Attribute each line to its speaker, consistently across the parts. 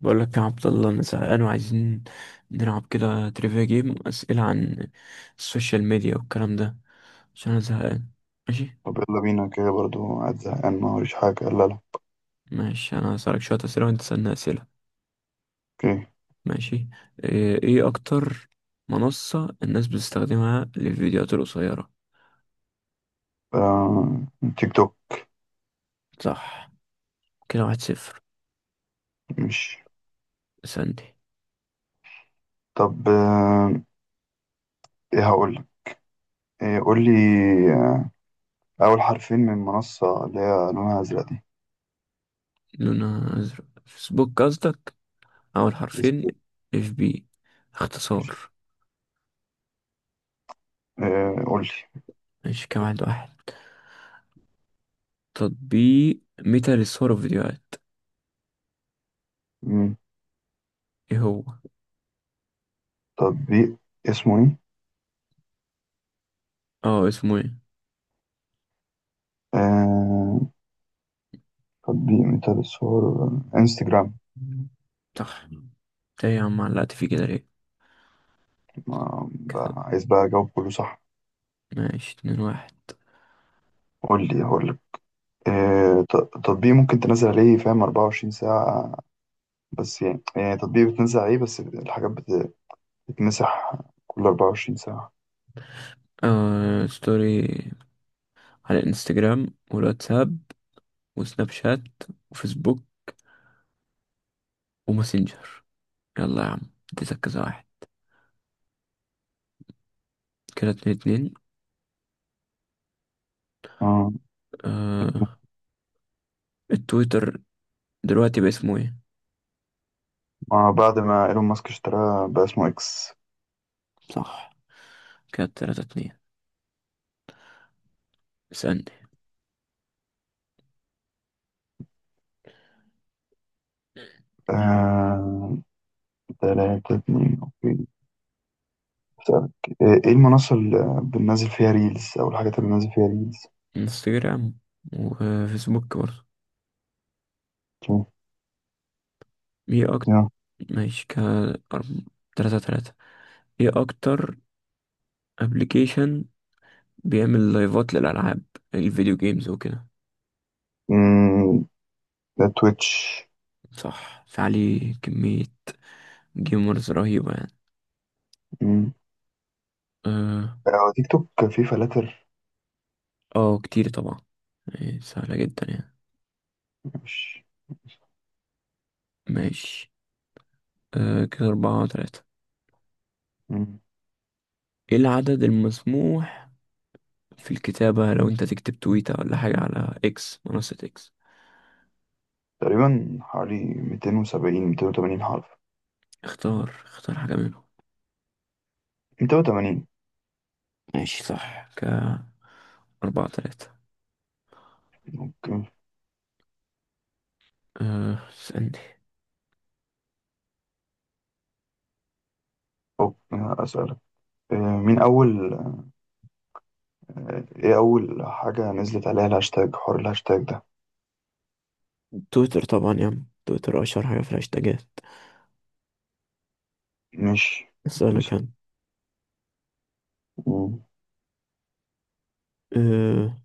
Speaker 1: بقول لك يا عبد الله انا زهقان وعايزين نلعب كده تريفيا جيم، اسئله عن السوشيال ميديا والكلام ده عشان انا زهقان. ماشي.
Speaker 2: طب يلا بينا كده برضو قاعد زهقان ما وريش حاجة. لا، لا،
Speaker 1: ماشي، انا هسألك شويه اسئله وانت تسألني اسئله.
Speaker 2: اوكي.
Speaker 1: ماشي. ايه اكتر منصه الناس بتستخدمها للفيديوهات القصيره؟
Speaker 2: آه... تيك توك.
Speaker 1: صح، كده واحد صفر.
Speaker 2: مش.
Speaker 1: اسألني.
Speaker 2: طب، ايه هقول لك؟ إيه؟ قول لي. آه... اول حرفين من منصة اللي هي لونها ازرق دي.
Speaker 1: لونها ازرق، فيسبوك قصدك؟ اول حرفين
Speaker 2: اسمه-
Speaker 1: اف بي،
Speaker 2: ماشي.
Speaker 1: اختصار.
Speaker 2: قول لي.
Speaker 1: ماشي كده واحد واحد. تطبيق ميتا للصور والفيديوهات،
Speaker 2: مم،
Speaker 1: ايه هو؟
Speaker 2: تطبيق اسمه ايه؟
Speaker 1: اه اسمه ايه؟
Speaker 2: آه... تطبيق مثال الصور. انستجرام.
Speaker 1: صح. إنت ايه يا عم علقت فيه كده ليه؟
Speaker 2: ما... بقى...
Speaker 1: ك-
Speaker 2: عايز بقى اجاوب كله صح.
Speaker 1: ماشي اتنين واحد.
Speaker 2: قول لي هقول لك. آه... ت- تطبيق ممكن تنزل عليه فاهم 24 ساعة. بس يعني تطبيق بتنزل عليه، بس الحاجات بتتمسح كل 24 ساعة.
Speaker 1: آه، ستوري على الانستجرام والواتساب وسناب شات وفيسبوك وماسنجر. يلا يا عم، اديتك كذا واحد، كده اتنين اتنين.
Speaker 2: اه.
Speaker 1: آه التويتر دلوقتي باسمه ايه؟
Speaker 2: آه، بعد ما ايلون ماسك اشتراها بقى اسمه اكس.
Speaker 1: صح، كده تلاتة اتنين. اسألني.
Speaker 2: آه، تلاتة اتنين، اوكي. أسألك. آه، ايه المنصة اللي بننزل فيها ريلز او الحاجات اللي بننزل فيها ريلز؟
Speaker 1: انستجرام وفيسبوك برضه. ايه اكتر؟
Speaker 2: يا.
Speaker 1: ماشي كده. أرب- تلاتة تلاتة. ايه اكتر ابلكيشن بيعمل لايفات للألعاب، الفيديو جيمز وكده؟
Speaker 2: مم، ده تويتش.
Speaker 1: صح، في عليه كمية جيمرز رهيبة يعني.
Speaker 2: مم.
Speaker 1: اه.
Speaker 2: آه، تيك توك فيه فلاتر.
Speaker 1: آه، كتير طبعا. إيه، سهلة جدا يعني.
Speaker 2: مش.
Speaker 1: ماشي، آه كده أربعة وتلاتة.
Speaker 2: مم.
Speaker 1: ايه العدد المسموح في الكتابة لو انت تكتب تويتة ولا حاجة على اكس، منصة اكس؟
Speaker 2: تقريبا حوالي 270، 280 حرف.
Speaker 1: اختار حاجة منهم.
Speaker 2: 280.
Speaker 1: ماشي صح، كأربعة تلاتة.
Speaker 2: اوكي.
Speaker 1: أه اسألني.
Speaker 2: أسألك. مين أول؟ إيه أول حاجة نزلت عليها الهاشتاج، حوار الهاشتاج ده؟
Speaker 1: تويتر طبعا يا عم، تويتر أشهر حاجة في الهاشتاجات.
Speaker 2: مش.
Speaker 1: اسألك
Speaker 2: مش.
Speaker 1: أنا.
Speaker 2: مم.
Speaker 1: آه،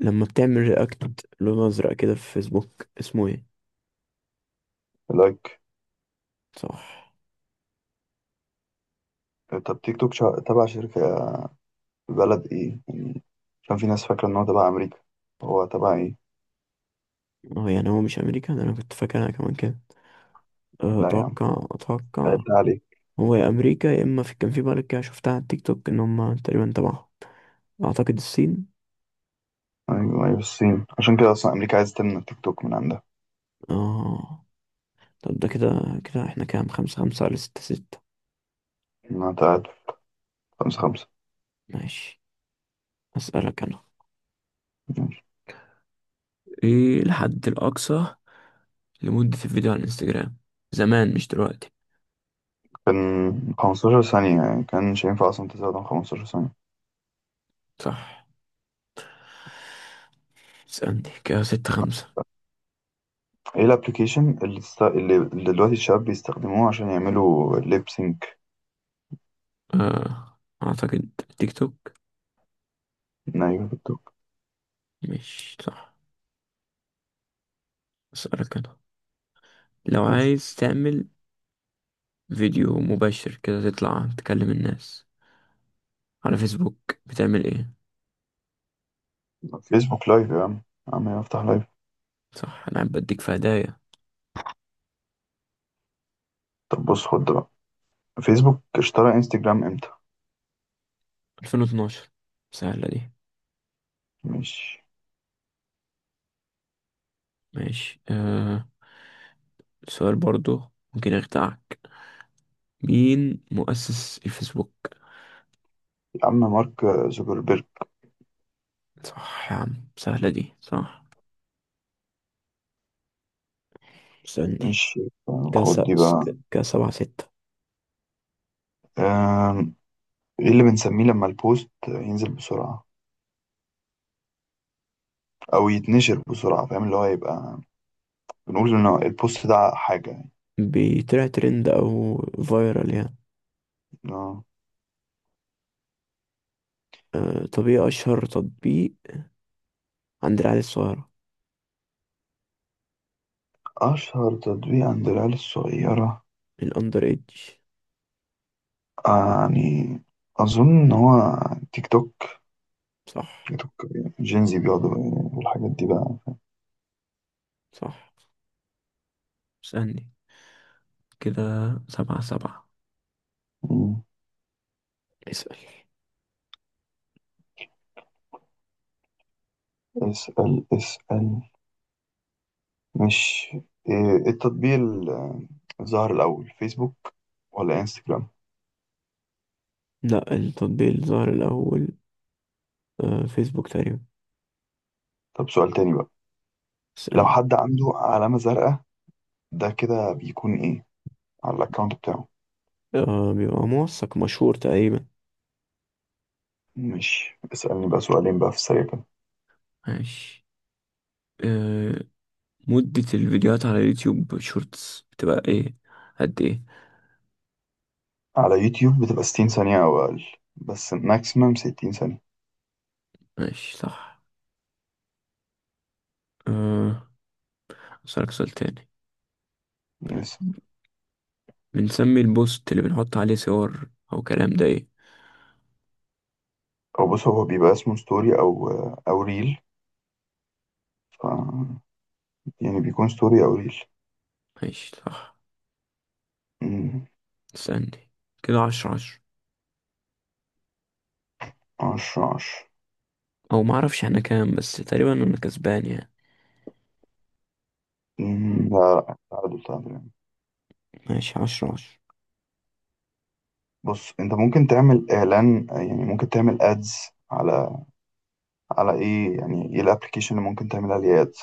Speaker 1: لما بتعمل رياكت لون ازرق كده في فيسبوك اسمه ايه؟
Speaker 2: لايك.
Speaker 1: صح.
Speaker 2: طب تيك توك تبع شركة، بلد إيه يعني؟ عشان في ناس فاكرة إن هو تبع أمريكا. هو تبع إيه؟
Speaker 1: هو مش امريكا، ده انا كنت فاكر انا كمان كده. أه،
Speaker 2: لا يا عم،
Speaker 1: اتوقع.
Speaker 2: قلت عليه.
Speaker 1: هو يا امريكا يا اما في كان في بلد كده شفتها على التيك توك ان هم تقريبا تبعهم. اعتقد الصين.
Speaker 2: أيوه أيوه، الصين. عشان كده أصلا أمريكا عايزة تمنع تيك توك من عندها.
Speaker 1: اه طب ده كده، كده احنا كام؟ خمسة خمسة ولا ستة ستة؟
Speaker 2: إنها تقعد. خمسة خمسة.
Speaker 1: ماشي. اسألك انا، ايه الحد الاقصى لمدة الفيديو على الانستجرام زمان، مش دلوقتي؟
Speaker 2: كان 15 ثانية، يعني كانش ينفع أصلا تزود عن 15 ثانية.
Speaker 1: صح. اسألني، كده ستة خمسة.
Speaker 2: إيه الأبليكيشن اللي، اللي دلوقتي الشباب بيستخدموه عشان يعملوا ليبسينج؟
Speaker 1: آه. اعتقد تيك توك.
Speaker 2: ايوه، بالدوك.
Speaker 1: مش صح. اسألك أنا، لو عايز تعمل فيديو مباشر كده تطلع تكلم الناس على فيسبوك بتعمل ايه؟
Speaker 2: فيسبوك لايف يا عم. عم افتح لايف.
Speaker 1: صح، انا قاعد بديك في هدايا.
Speaker 2: طب بص، خد ده بقى. فيسبوك اشترى انستجرام امتى؟
Speaker 1: 2012، سهلة دي.
Speaker 2: مش.
Speaker 1: ماشي، آه سؤال برضو ممكن يخدعك، مين مؤسس الفيسبوك؟
Speaker 2: يا عم، مارك زوكربيرج.
Speaker 1: صح يا عم، سهلة دي صح. سألني.
Speaker 2: مش. خد
Speaker 1: كاس
Speaker 2: دي بقى.
Speaker 1: كاس سبعة ستة.
Speaker 2: آم، ايه اللي بنسميه لما البوست ينزل بسرعة او يتنشر بسرعة فاهم اللي هو يبقى، بنقول ان البوست ده حاجة يعني؟
Speaker 1: بيطلع ترند أو فايرال يعني.
Speaker 2: آه،
Speaker 1: آه، طب ايه أشهر تطبيق عند العيال الصغيرة؟
Speaker 2: اشهر تطبيق عند العيال الصغيرة.
Speaker 1: الأندر إيدج.
Speaker 2: آه، يعني اظن ان هو تيك توك.
Speaker 1: صح.
Speaker 2: تيك توك، جينزي بيقعدوا والحاجات دي.
Speaker 1: صح، اسألني، كده سبعة سبعة.
Speaker 2: بقى
Speaker 1: اسأل.
Speaker 2: اسأل. اسأل. مش. إيه التطبيق الظاهر الأول، فيسبوك ولا انستجرام؟
Speaker 1: لا، التطبيق اللي ظهر الأول آه فيسبوك تقريبا.
Speaker 2: طب سؤال تاني بقى. لو
Speaker 1: اسألني.
Speaker 2: حد عنده علامة زرقاء، ده كده بيكون ايه على الأكاونت بتاعه؟
Speaker 1: آه بيبقى موثق، مشهور تقريبا.
Speaker 2: مش. اسألني بقى سؤالين بقى في السريع كده.
Speaker 1: ماشي، أه، مدة الفيديوهات على يوتيوب شورتس بتبقى ايه، قد ايه؟
Speaker 2: على يوتيوب بتبقى 60 ثانية أو أقل. بس ماكسيمم 60 ثانية.
Speaker 1: ماشي صح. أه، أسألك سؤال تاني.
Speaker 2: يس.
Speaker 1: بنسمي البوست اللي بنحط عليه صور أو كلام ده ايه؟
Speaker 2: أو بص، هو بيبقى اسمه ستوري أو ريل. ف يعني بيكون ستوري أو ريل.
Speaker 1: ماشي صح.
Speaker 2: مم.
Speaker 1: استني، كده عشرة عشرة.
Speaker 2: عشرة عشرة.
Speaker 1: أو معرفش احنا كام بس، تقريبا أنا كسبان يعني.
Speaker 2: مم. لا، تعادل تعادل.
Speaker 1: ماشي عشرة عشرة.
Speaker 2: بص، انت ممكن تعمل اعلان، يعني ممكن تعمل ادز على، ايه؟ يعني ايه الابلكيشن اللي ممكن تعمل عليه ادز؟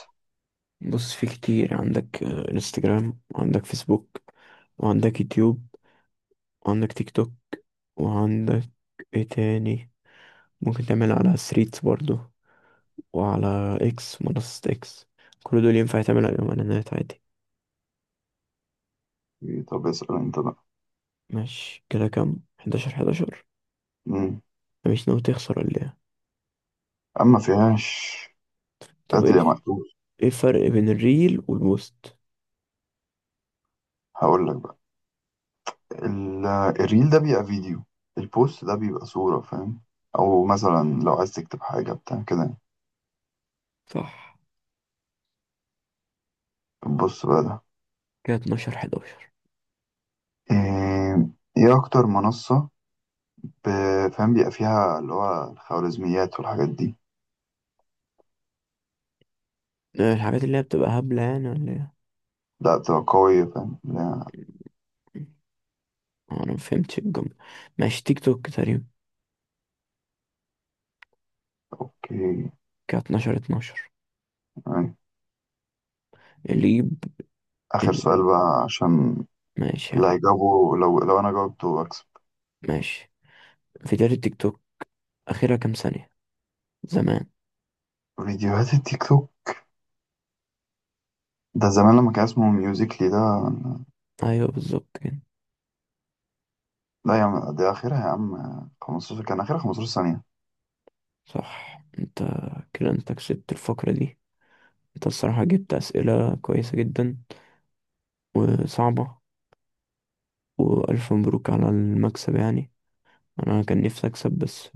Speaker 1: بص، في كتير عندك، آه، انستجرام وعندك فيسبوك وعندك يوتيوب وعندك تيك توك وعندك ايه تاني، ممكن تعمل على ثريدز برضو، وعلى اكس منصة اكس. كل دول ينفع تعمل عليهم اعلانات عادي.
Speaker 2: طب اسأل انت بقى.
Speaker 1: ماشي كده كام، حداشر حداشر؟
Speaker 2: مم.
Speaker 1: مش ناوي تخسر ولا ايه؟
Speaker 2: اما فيهاش.
Speaker 1: طب
Speaker 2: قتل
Speaker 1: ايه،
Speaker 2: يا مقتول.
Speaker 1: ايه الفرق بين الريل والبوست؟
Speaker 2: هقول لك بقى. ال- الريل ده بيبقى فيديو. البوست ده بيبقى صورة فاهم، او مثلا لو عايز تكتب حاجة بتاع كده.
Speaker 1: صح،
Speaker 2: يعني. بص بقى ده.
Speaker 1: كده اتناشر حداشر.
Speaker 2: ايه. ايه اكتر منصة فاهم بيبقى فيها اللي هو الخوارزميات والحاجات دي؟
Speaker 1: الحاجات اللي هي بتبقى هبلة يعني ولا
Speaker 2: لا بتبقى قوية فاهم، لا.
Speaker 1: ايه؟ آه، انا ما فهمتش الجملة. ماشي تيك توك تقريبا،
Speaker 2: اوكي.
Speaker 1: كده 12 12. اللي يجيب،
Speaker 2: آخر
Speaker 1: اللي
Speaker 2: سؤال
Speaker 1: يجيب.
Speaker 2: بقى، عشان
Speaker 1: ماشي يا عم.
Speaker 2: اللي هيجاوبه. لو أنا جاوبته أكسب.
Speaker 1: ماشي. فيديوهات التيك توك اخرها كام ثانية زمان؟
Speaker 2: فيديوهات التيك توك ده زمان لما كان اسمه ميوزيكلي ده.
Speaker 1: ايوه بالظبط كده.
Speaker 2: لا يا عم، ده آخرها يا عم. 15، كان آخرها 15 ثانية.
Speaker 1: صح انت، كده انت كسبت الفقرة دي. انت الصراحة جبت اسئلة كويسة جدا وصعبة، والف مبروك على المكسب يعني. انا كان نفسي اكسب بس،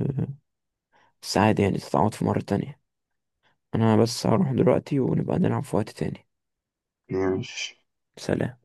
Speaker 1: بس عادي يعني، تتعوض في مرة تانية. انا بس هروح دلوقتي ونبقى نلعب في وقت تاني.
Speaker 2: ليه؟ مش.
Speaker 1: سلام.